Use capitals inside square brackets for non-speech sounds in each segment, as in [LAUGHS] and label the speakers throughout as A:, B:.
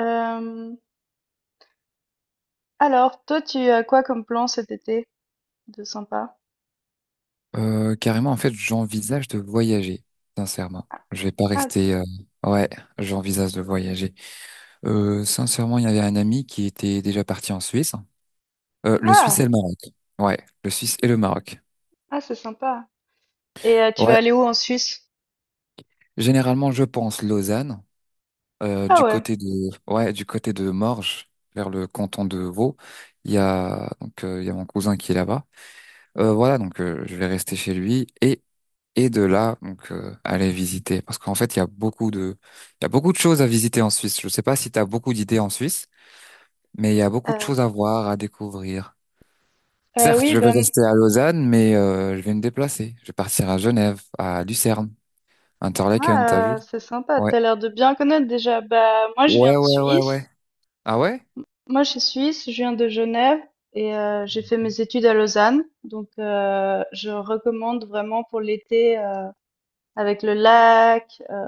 A: Euh, alors, toi, tu as quoi comme plan cet été de sympa?
B: Carrément, en fait, j'envisage de voyager, sincèrement.
A: Ah,
B: Je vais pas
A: ah,
B: rester. Ouais, j'envisage de voyager. Sincèrement, il y avait un ami qui était déjà parti en Suisse. Le Suisse et
A: ah,
B: le Maroc. Ouais, le Suisse et le Maroc.
A: ah, c'est sympa. Et tu vas
B: Ouais,
A: aller où en Suisse?
B: généralement, je pense Lausanne,
A: Ah
B: du
A: ouais.
B: côté de, ouais, du côté de Morges, vers le canton de Vaud. Il y a mon cousin qui est là-bas. Voilà, donc je vais rester chez lui et de là donc aller visiter parce qu'en fait il y a beaucoup de choses à visiter en Suisse. Je sais pas si tu as beaucoup d'idées en Suisse, mais il y a beaucoup de
A: Euh,
B: choses à voir, à découvrir. Certes,
A: oui,
B: je vais
A: ben
B: rester à Lausanne, mais je vais me déplacer. Je vais partir à Genève, à Lucerne, Interlaken, t'as
A: moi,
B: vu?
A: c'est sympa.
B: Ouais.
A: T'as l'air de bien connaître déjà. Bah moi, je viens
B: Ouais,
A: de
B: ouais, ouais, ouais.
A: Suisse.
B: Ah ouais?
A: Moi, je suis suisse. Je viens de Genève et j'ai fait mes études à Lausanne. Donc, je recommande vraiment pour l'été, avec le lac,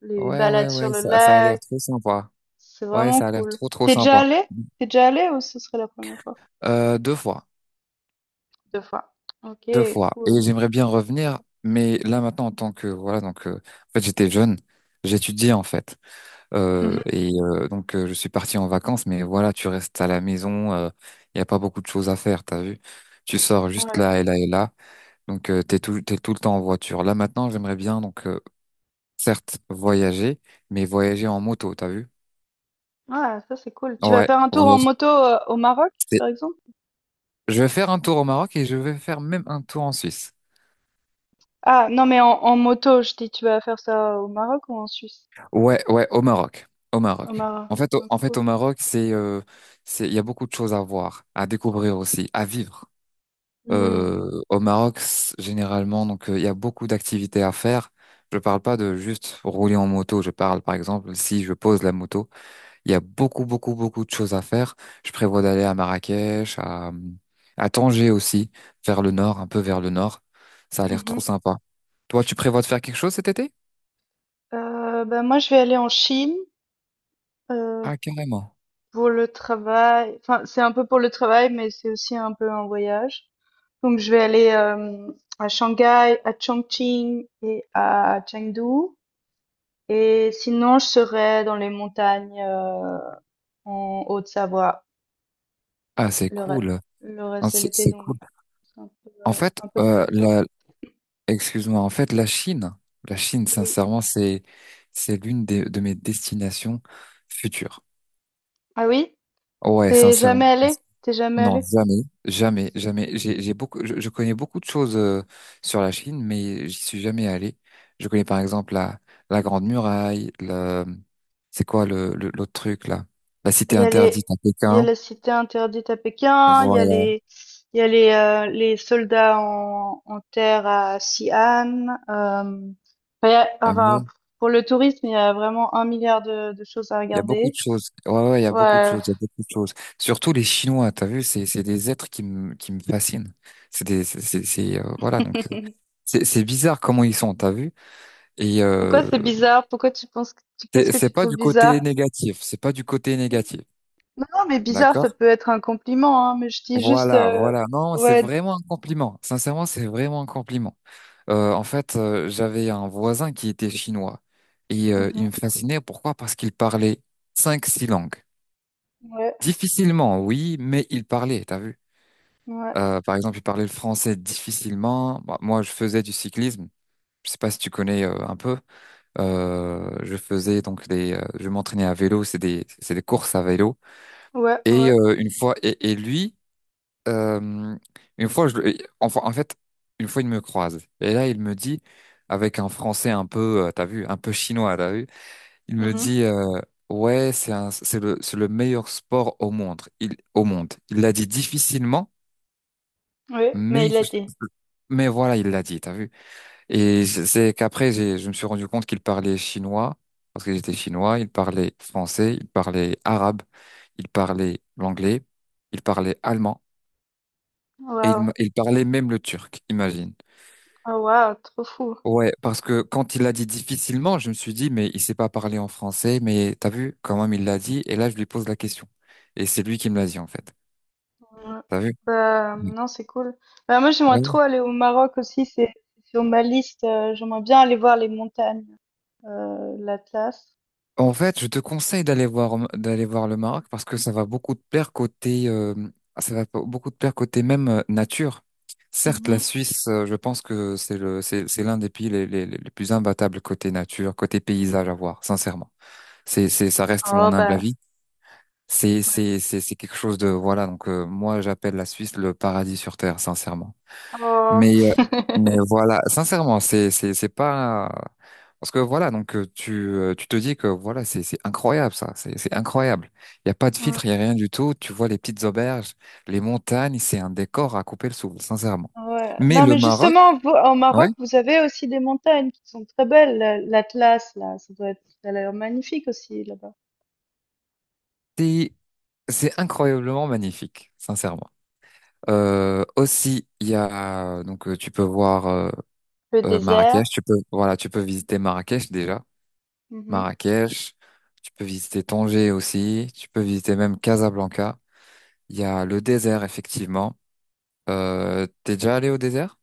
A: les
B: Ouais, ouais,
A: balades sur
B: ouais,
A: le
B: ça a l'air
A: lac.
B: trop sympa.
A: C'est
B: Ouais,
A: vraiment
B: ça a l'air
A: cool.
B: trop, trop
A: T'es déjà
B: sympa.
A: allé? T'es déjà allé ou ce serait la première fois?
B: Deux fois.
A: Deux fois. Ok,
B: Deux fois. Et
A: cool.
B: j'aimerais bien revenir, mais là maintenant en tant que voilà en fait j'étais jeune, j'étudiais en fait.
A: Mhm.
B: Et donc je suis parti en vacances, mais voilà tu restes à la maison, il y a pas beaucoup de choses à faire, t'as vu? Tu sors juste
A: Ouais.
B: là et là et là, donc t'es tout le temps en voiture. Là maintenant j'aimerais bien donc certes voyager, mais voyager en moto, t'as vu?
A: Ouais, ça c'est cool. Tu vas
B: Ouais,
A: faire un tour en
B: voyager.
A: moto au Maroc,
B: C'est-
A: par exemple?
B: Je vais faire un tour au Maroc et je vais faire même un tour en Suisse.
A: Ah, non, mais en moto, je dis, tu vas faire ça au Maroc ou en Suisse?
B: Ouais, ouais, au Maroc. Au
A: Au
B: Maroc.
A: Maroc.
B: En fait,
A: Ah, cool.
B: au Maroc, il y a beaucoup de choses à voir, à découvrir aussi, à vivre.
A: Hmm.
B: Au Maroc, généralement, donc, il y a beaucoup d'activités à faire. Je parle pas de juste rouler en moto. Je parle, par exemple, si je pose la moto, il y a beaucoup, beaucoup, beaucoup de choses à faire. Je prévois d'aller à Marrakech, à Tanger aussi, vers le nord, un peu vers le nord. Ça a l'air
A: Mhm.
B: trop sympa. Toi, tu prévois de faire quelque chose cet été?
A: Bah, moi, je vais aller en Chine euh,
B: Ah, carrément.
A: pour le travail. Enfin, c'est un peu pour le travail, mais c'est aussi un peu un voyage. Donc, je vais aller à Shanghai, à Chongqing et à Chengdu. Et sinon, je serai dans les montagnes en Haute-Savoie
B: Ah, c'est
A: le, re-
B: cool.
A: le
B: Ah,
A: reste de
B: C'est
A: l'été.
B: c'est
A: Donc,
B: cool.
A: c'est
B: En fait,
A: un peu comme toi.
B: excuse-moi, en fait, la Chine,
A: Oui.
B: sincèrement, c'est l'une de mes destinations futures.
A: Ah oui?
B: Ouais,
A: T'es
B: sincèrement.
A: jamais allé? T'es jamais
B: Non,
A: allé?
B: jamais, jamais, jamais. Je connais beaucoup de choses sur la Chine, mais j'y suis jamais allé. Je connais par exemple la Grande Muraille, c'est quoi l'autre truc là? La
A: Il
B: Cité
A: y a
B: interdite à
A: il y a
B: Pékin.
A: la cité interdite à Pékin, il y a
B: Voilà.
A: il y a les soldats en terre à Xi'an. Il y a-
B: Ah,
A: pour le tourisme, il y a vraiment un milliard de choses à
B: il y a beaucoup de
A: regarder.
B: choses. Ouais, ouais, il y a beaucoup de
A: Ouais.
B: choses. Il y a beaucoup de choses. Surtout les Chinois, t'as vu, c'est des êtres qui me fascinent. C'est des, c'est, voilà, donc,
A: [LAUGHS]
B: c'est bizarre comment ils sont, t'as vu. Et, euh,
A: Pourquoi c'est bizarre? Pourquoi tu penses que qu'est-ce
B: c'est
A: que
B: c'est
A: tu
B: pas
A: trouves
B: du
A: bizarre?
B: côté négatif. C'est pas du côté négatif.
A: Non, non, mais bizarre, ça
B: D'accord?
A: peut être un compliment, hein, mais je dis juste,
B: Voilà, voilà. Non, c'est
A: ouais,
B: vraiment un compliment. Sincèrement, c'est vraiment un compliment. En fait, j'avais un voisin qui était chinois. Et,
A: mhm,
B: il me fascinait. Pourquoi? Parce qu'il parlait cinq, six langues.
A: ouais,
B: Difficilement, oui, mais il parlait, t'as vu?
A: ouais,
B: Par exemple, il parlait le français difficilement. Bah, moi, je faisais du cyclisme. Je sais pas si tu connais un peu. Je faisais donc je m'entraînais à vélo. C'est des courses à vélo.
A: ouais,
B: Et
A: ouais,
B: une fois, et lui, euh, une fois, enfin, en fait, une fois, il me croise. Et là, il me dit, avec un français un peu, t'as vu, un peu chinois, t'as vu. Il me
A: mhm,
B: dit, ouais, c'est le meilleur sport au monde. Au monde. Il l'a dit difficilement.
A: ouais, mais il
B: Mais,
A: a dit,
B: mais voilà, il l'a dit, t'as vu? Et c'est qu'après, je me suis rendu compte qu'il parlait chinois, parce que j'étais chinois, il parlait français, il parlait arabe, il parlait l'anglais, il parlait allemand, et
A: waouh,
B: il parlait même le turc, imagine.
A: oh waouh, trop fou.
B: Ouais, parce que quand il l'a dit difficilement, je me suis dit, mais il sait pas parler en français, mais t'as vu, quand même, il l'a dit, et là, je lui pose la question. Et c'est lui qui me l'a dit, en fait.
A: Ouais.
B: T'as vu?
A: Bah, non, c'est cool. Bah, moi, j'aimerais trop
B: Oui.
A: aller au Maroc aussi. C'est sur ma liste. J'aimerais bien aller voir les montagnes, l'Atlas.
B: En fait, je te conseille d'aller voir le Maroc parce que ça va beaucoup te plaire côté même nature. Certes, la
A: Mhm.
B: Suisse, je pense que c'est le c'est l'un des pays les plus imbattables côté nature, côté paysage à voir, sincèrement. C'est ça reste
A: Oh,
B: mon humble
A: bah,
B: avis.
A: ouais.
B: C'est quelque chose de voilà, donc moi j'appelle la Suisse le paradis sur terre, sincèrement.
A: Oh.
B: Mais, euh, mais
A: [LAUGHS]
B: voilà, sincèrement, c'est pas. Parce que voilà, donc tu te dis que voilà, c'est incroyable ça, c'est incroyable. Il n'y a pas de
A: Ouais.
B: filtre, il n'y a rien du tout. Tu vois les petites auberges, les montagnes, c'est un décor à couper le souffle, sincèrement.
A: Ouais.
B: Mais
A: Non,
B: le
A: mais
B: Maroc,
A: justement, vous, en
B: ouais,
A: Maroc, vous avez aussi des montagnes qui sont très belles. L'Atlas, là, ça doit être, ça a l'air magnifique aussi, là-bas.
B: c'est, c'est incroyablement magnifique, sincèrement. Aussi, il y a, donc tu peux voir
A: Le désert.
B: Marrakech, voilà, tu peux visiter Marrakech déjà. Marrakech, tu peux visiter Tanger aussi, tu peux visiter même Casablanca. Il y a le désert, effectivement. T'es déjà allé au désert?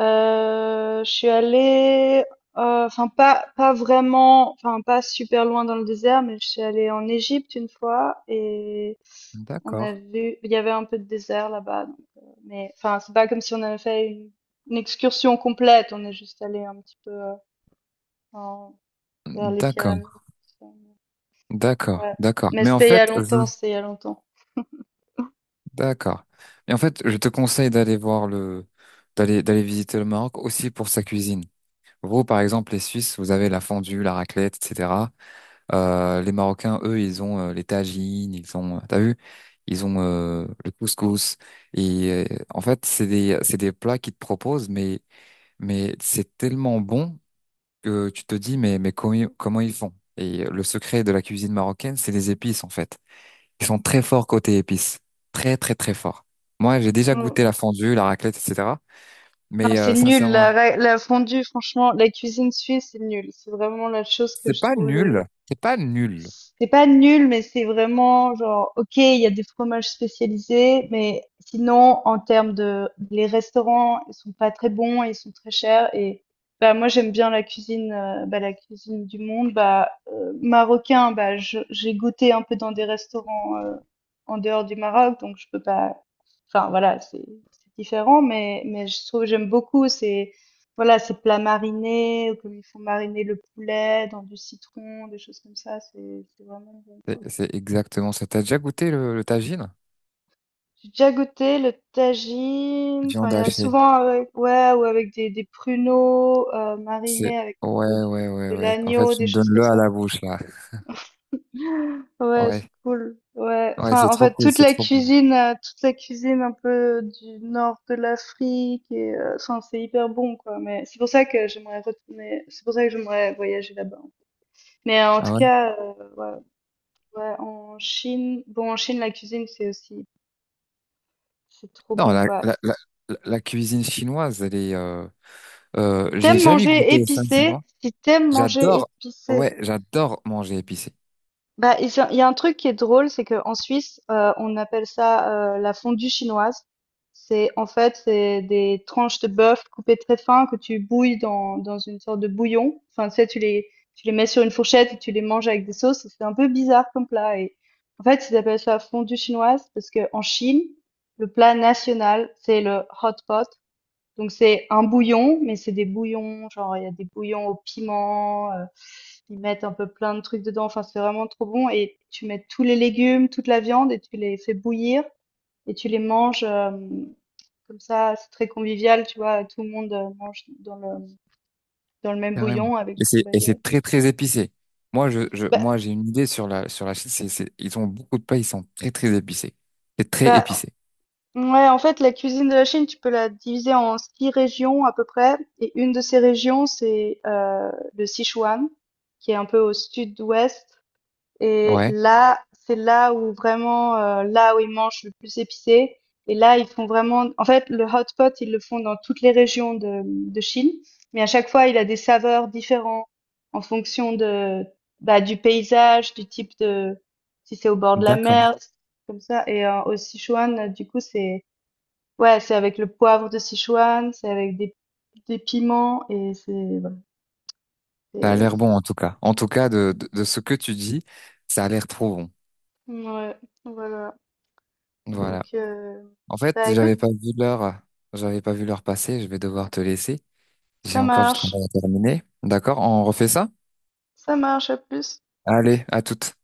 A: Je suis allée, enfin pas pas vraiment, enfin pas super loin dans le désert, mais je suis allée en Égypte une fois et on a
B: D'accord.
A: vu, il y avait un peu de désert là-bas, donc, mais enfin c'est pas comme si on avait fait une excursion complète, on est juste allé un petit peu en- vers les
B: D'accord,
A: pyramides, tout ça.
B: d'accord,
A: Ouais,
B: d'accord.
A: mais
B: Mais en
A: c'était il y a
B: fait,
A: longtemps, c'était il y a longtemps. Mmh.
B: d'accord. Mais en fait, je te conseille d'aller visiter le Maroc aussi pour sa cuisine. Vous, par exemple, les Suisses, vous avez la fondue, la raclette, etc. Les Marocains, eux, ils ont les tagines, ils ont, t'as vu, ils ont le couscous. Et en fait, c'est des plats qu'ils te proposent, mais c'est tellement bon que tu te dis, mais comment ils font? Et le secret de la cuisine marocaine, c'est les épices, en fait. Ils sont très forts côté épices, très, très, très forts. Moi, j'ai déjà
A: Mmh.
B: goûté la fondue, la raclette, etc.
A: Non,
B: Mais
A: c'est nul
B: sincèrement,
A: la fondue, franchement, la cuisine suisse, c'est nul. C'est vraiment la chose que
B: c'est
A: je
B: pas
A: trouve
B: nul,
A: le.
B: c'est pas nul.
A: C'est pas nul, mais c'est vraiment genre, OK, il y a des fromages spécialisés, mais sinon, en termes de, les restaurants, ils sont pas très bons, et ils sont très chers et, bah, moi, j'aime bien la cuisine, bah, la cuisine du monde, bah, marocain, bah, j'ai goûté un peu dans des restaurants, en dehors du Maroc, donc je peux pas, enfin, voilà, c'est différent, mais je trouve, que j'aime beaucoup, c'est, voilà, ces plats marinés, ou comme ils font mariner le poulet dans du citron, des choses comme ça, c'est vraiment bon.
B: C'est exactement ça. T'as déjà goûté le tagine?
A: J'ai déjà goûté le tagine, enfin
B: Viande
A: il y a
B: hachée.
A: souvent avec ouais ou avec des pruneaux
B: C'est
A: marinés avec un peu
B: Ouais,
A: du,
B: ouais, ouais,
A: de
B: ouais. En fait,
A: l'agneau,
B: tu
A: des
B: me
A: choses
B: donnes
A: comme
B: le à
A: ça.
B: la bouche là.
A: [LAUGHS] Ouais, c'est
B: Ouais,
A: cool. Ouais,
B: ouais,
A: enfin
B: c'est
A: en
B: trop
A: fait
B: cool, c'est trop cool.
A: toute la cuisine un peu du nord de l'Afrique et enfin c'est hyper bon quoi. Mais c'est pour ça que j'aimerais retourner, c'est pour ça que j'aimerais voyager là-bas. Mais en tout
B: Ah ouais?
A: cas, ouais, ouais, en Chine, bon, en Chine, la cuisine, c'est aussi, c'est trop
B: Non,
A: bon,
B: la,
A: quoi.
B: la, la, la la cuisine chinoise, elle est.
A: Si
B: J'ai
A: t'aimes
B: jamais
A: manger
B: goûté,
A: épicé,
B: sincèrement.
A: si t'aimes manger
B: J'adore,
A: épicé,
B: ouais, j'adore manger épicé,
A: bah, ils ont il y a un truc qui est drôle, c'est qu'en Suisse, on appelle ça, la fondue chinoise. C'est en fait, c'est des tranches de bœuf coupées très fin que tu bouilles dans une sorte de bouillon. Enfin, tu sais, tu les mets sur une fourchette et tu les manges avec des sauces et c'est un peu bizarre comme plat et en fait, ils appellent ça fondue chinoise parce que en Chine, le plat national, c'est le hot pot. Donc c'est un bouillon, mais c'est des bouillons, genre il y a des bouillons au piment, ils mettent un peu plein de trucs dedans, enfin c'est vraiment trop bon et tu mets tous les légumes, toute la viande et tu les fais bouillir et tu les manges comme ça, c'est très convivial, tu vois, tout le monde mange dans le même
B: carrément.
A: bouillon avec
B: Et
A: des
B: c'est et
A: baguettes.
B: c'est très très épicé. Moi,
A: Bah,
B: j'ai une idée sur la Chine. Ils ont beaucoup de plats, ils sont très très épicés. C'est très
A: bah
B: épicé.
A: ouais, en fait la cuisine de la Chine, tu peux la diviser en six régions à peu près et une de ces régions c'est le Sichuan qui est un peu au sud-ouest. Et
B: Ouais,
A: là, c'est là où vraiment, là où ils mangent le plus épicé. Et là, ils font vraiment, en fait, le hot pot, ils le font dans toutes les régions de Chine. Mais à chaque fois, il a des saveurs différentes en fonction de, bah, du paysage, du type de, si c'est au bord de la
B: d'accord.
A: mer, comme ça. Et au Sichuan, du coup, c'est, ouais, c'est avec le poivre de Sichuan, c'est avec des piments et c'est, voilà.
B: Ça a l'air
A: c'est-
B: bon en tout cas. En tout cas, de ce que tu dis, ça a l'air trop bon.
A: ouais, voilà. Donc,
B: Voilà. En fait,
A: bah écoute,
B: j'avais pas vu l'heure passer, je vais devoir te laisser. J'ai
A: ça
B: encore du
A: marche.
B: travail à terminer. D'accord, on refait ça?
A: Ça marche. À plus.
B: Allez, à toutes.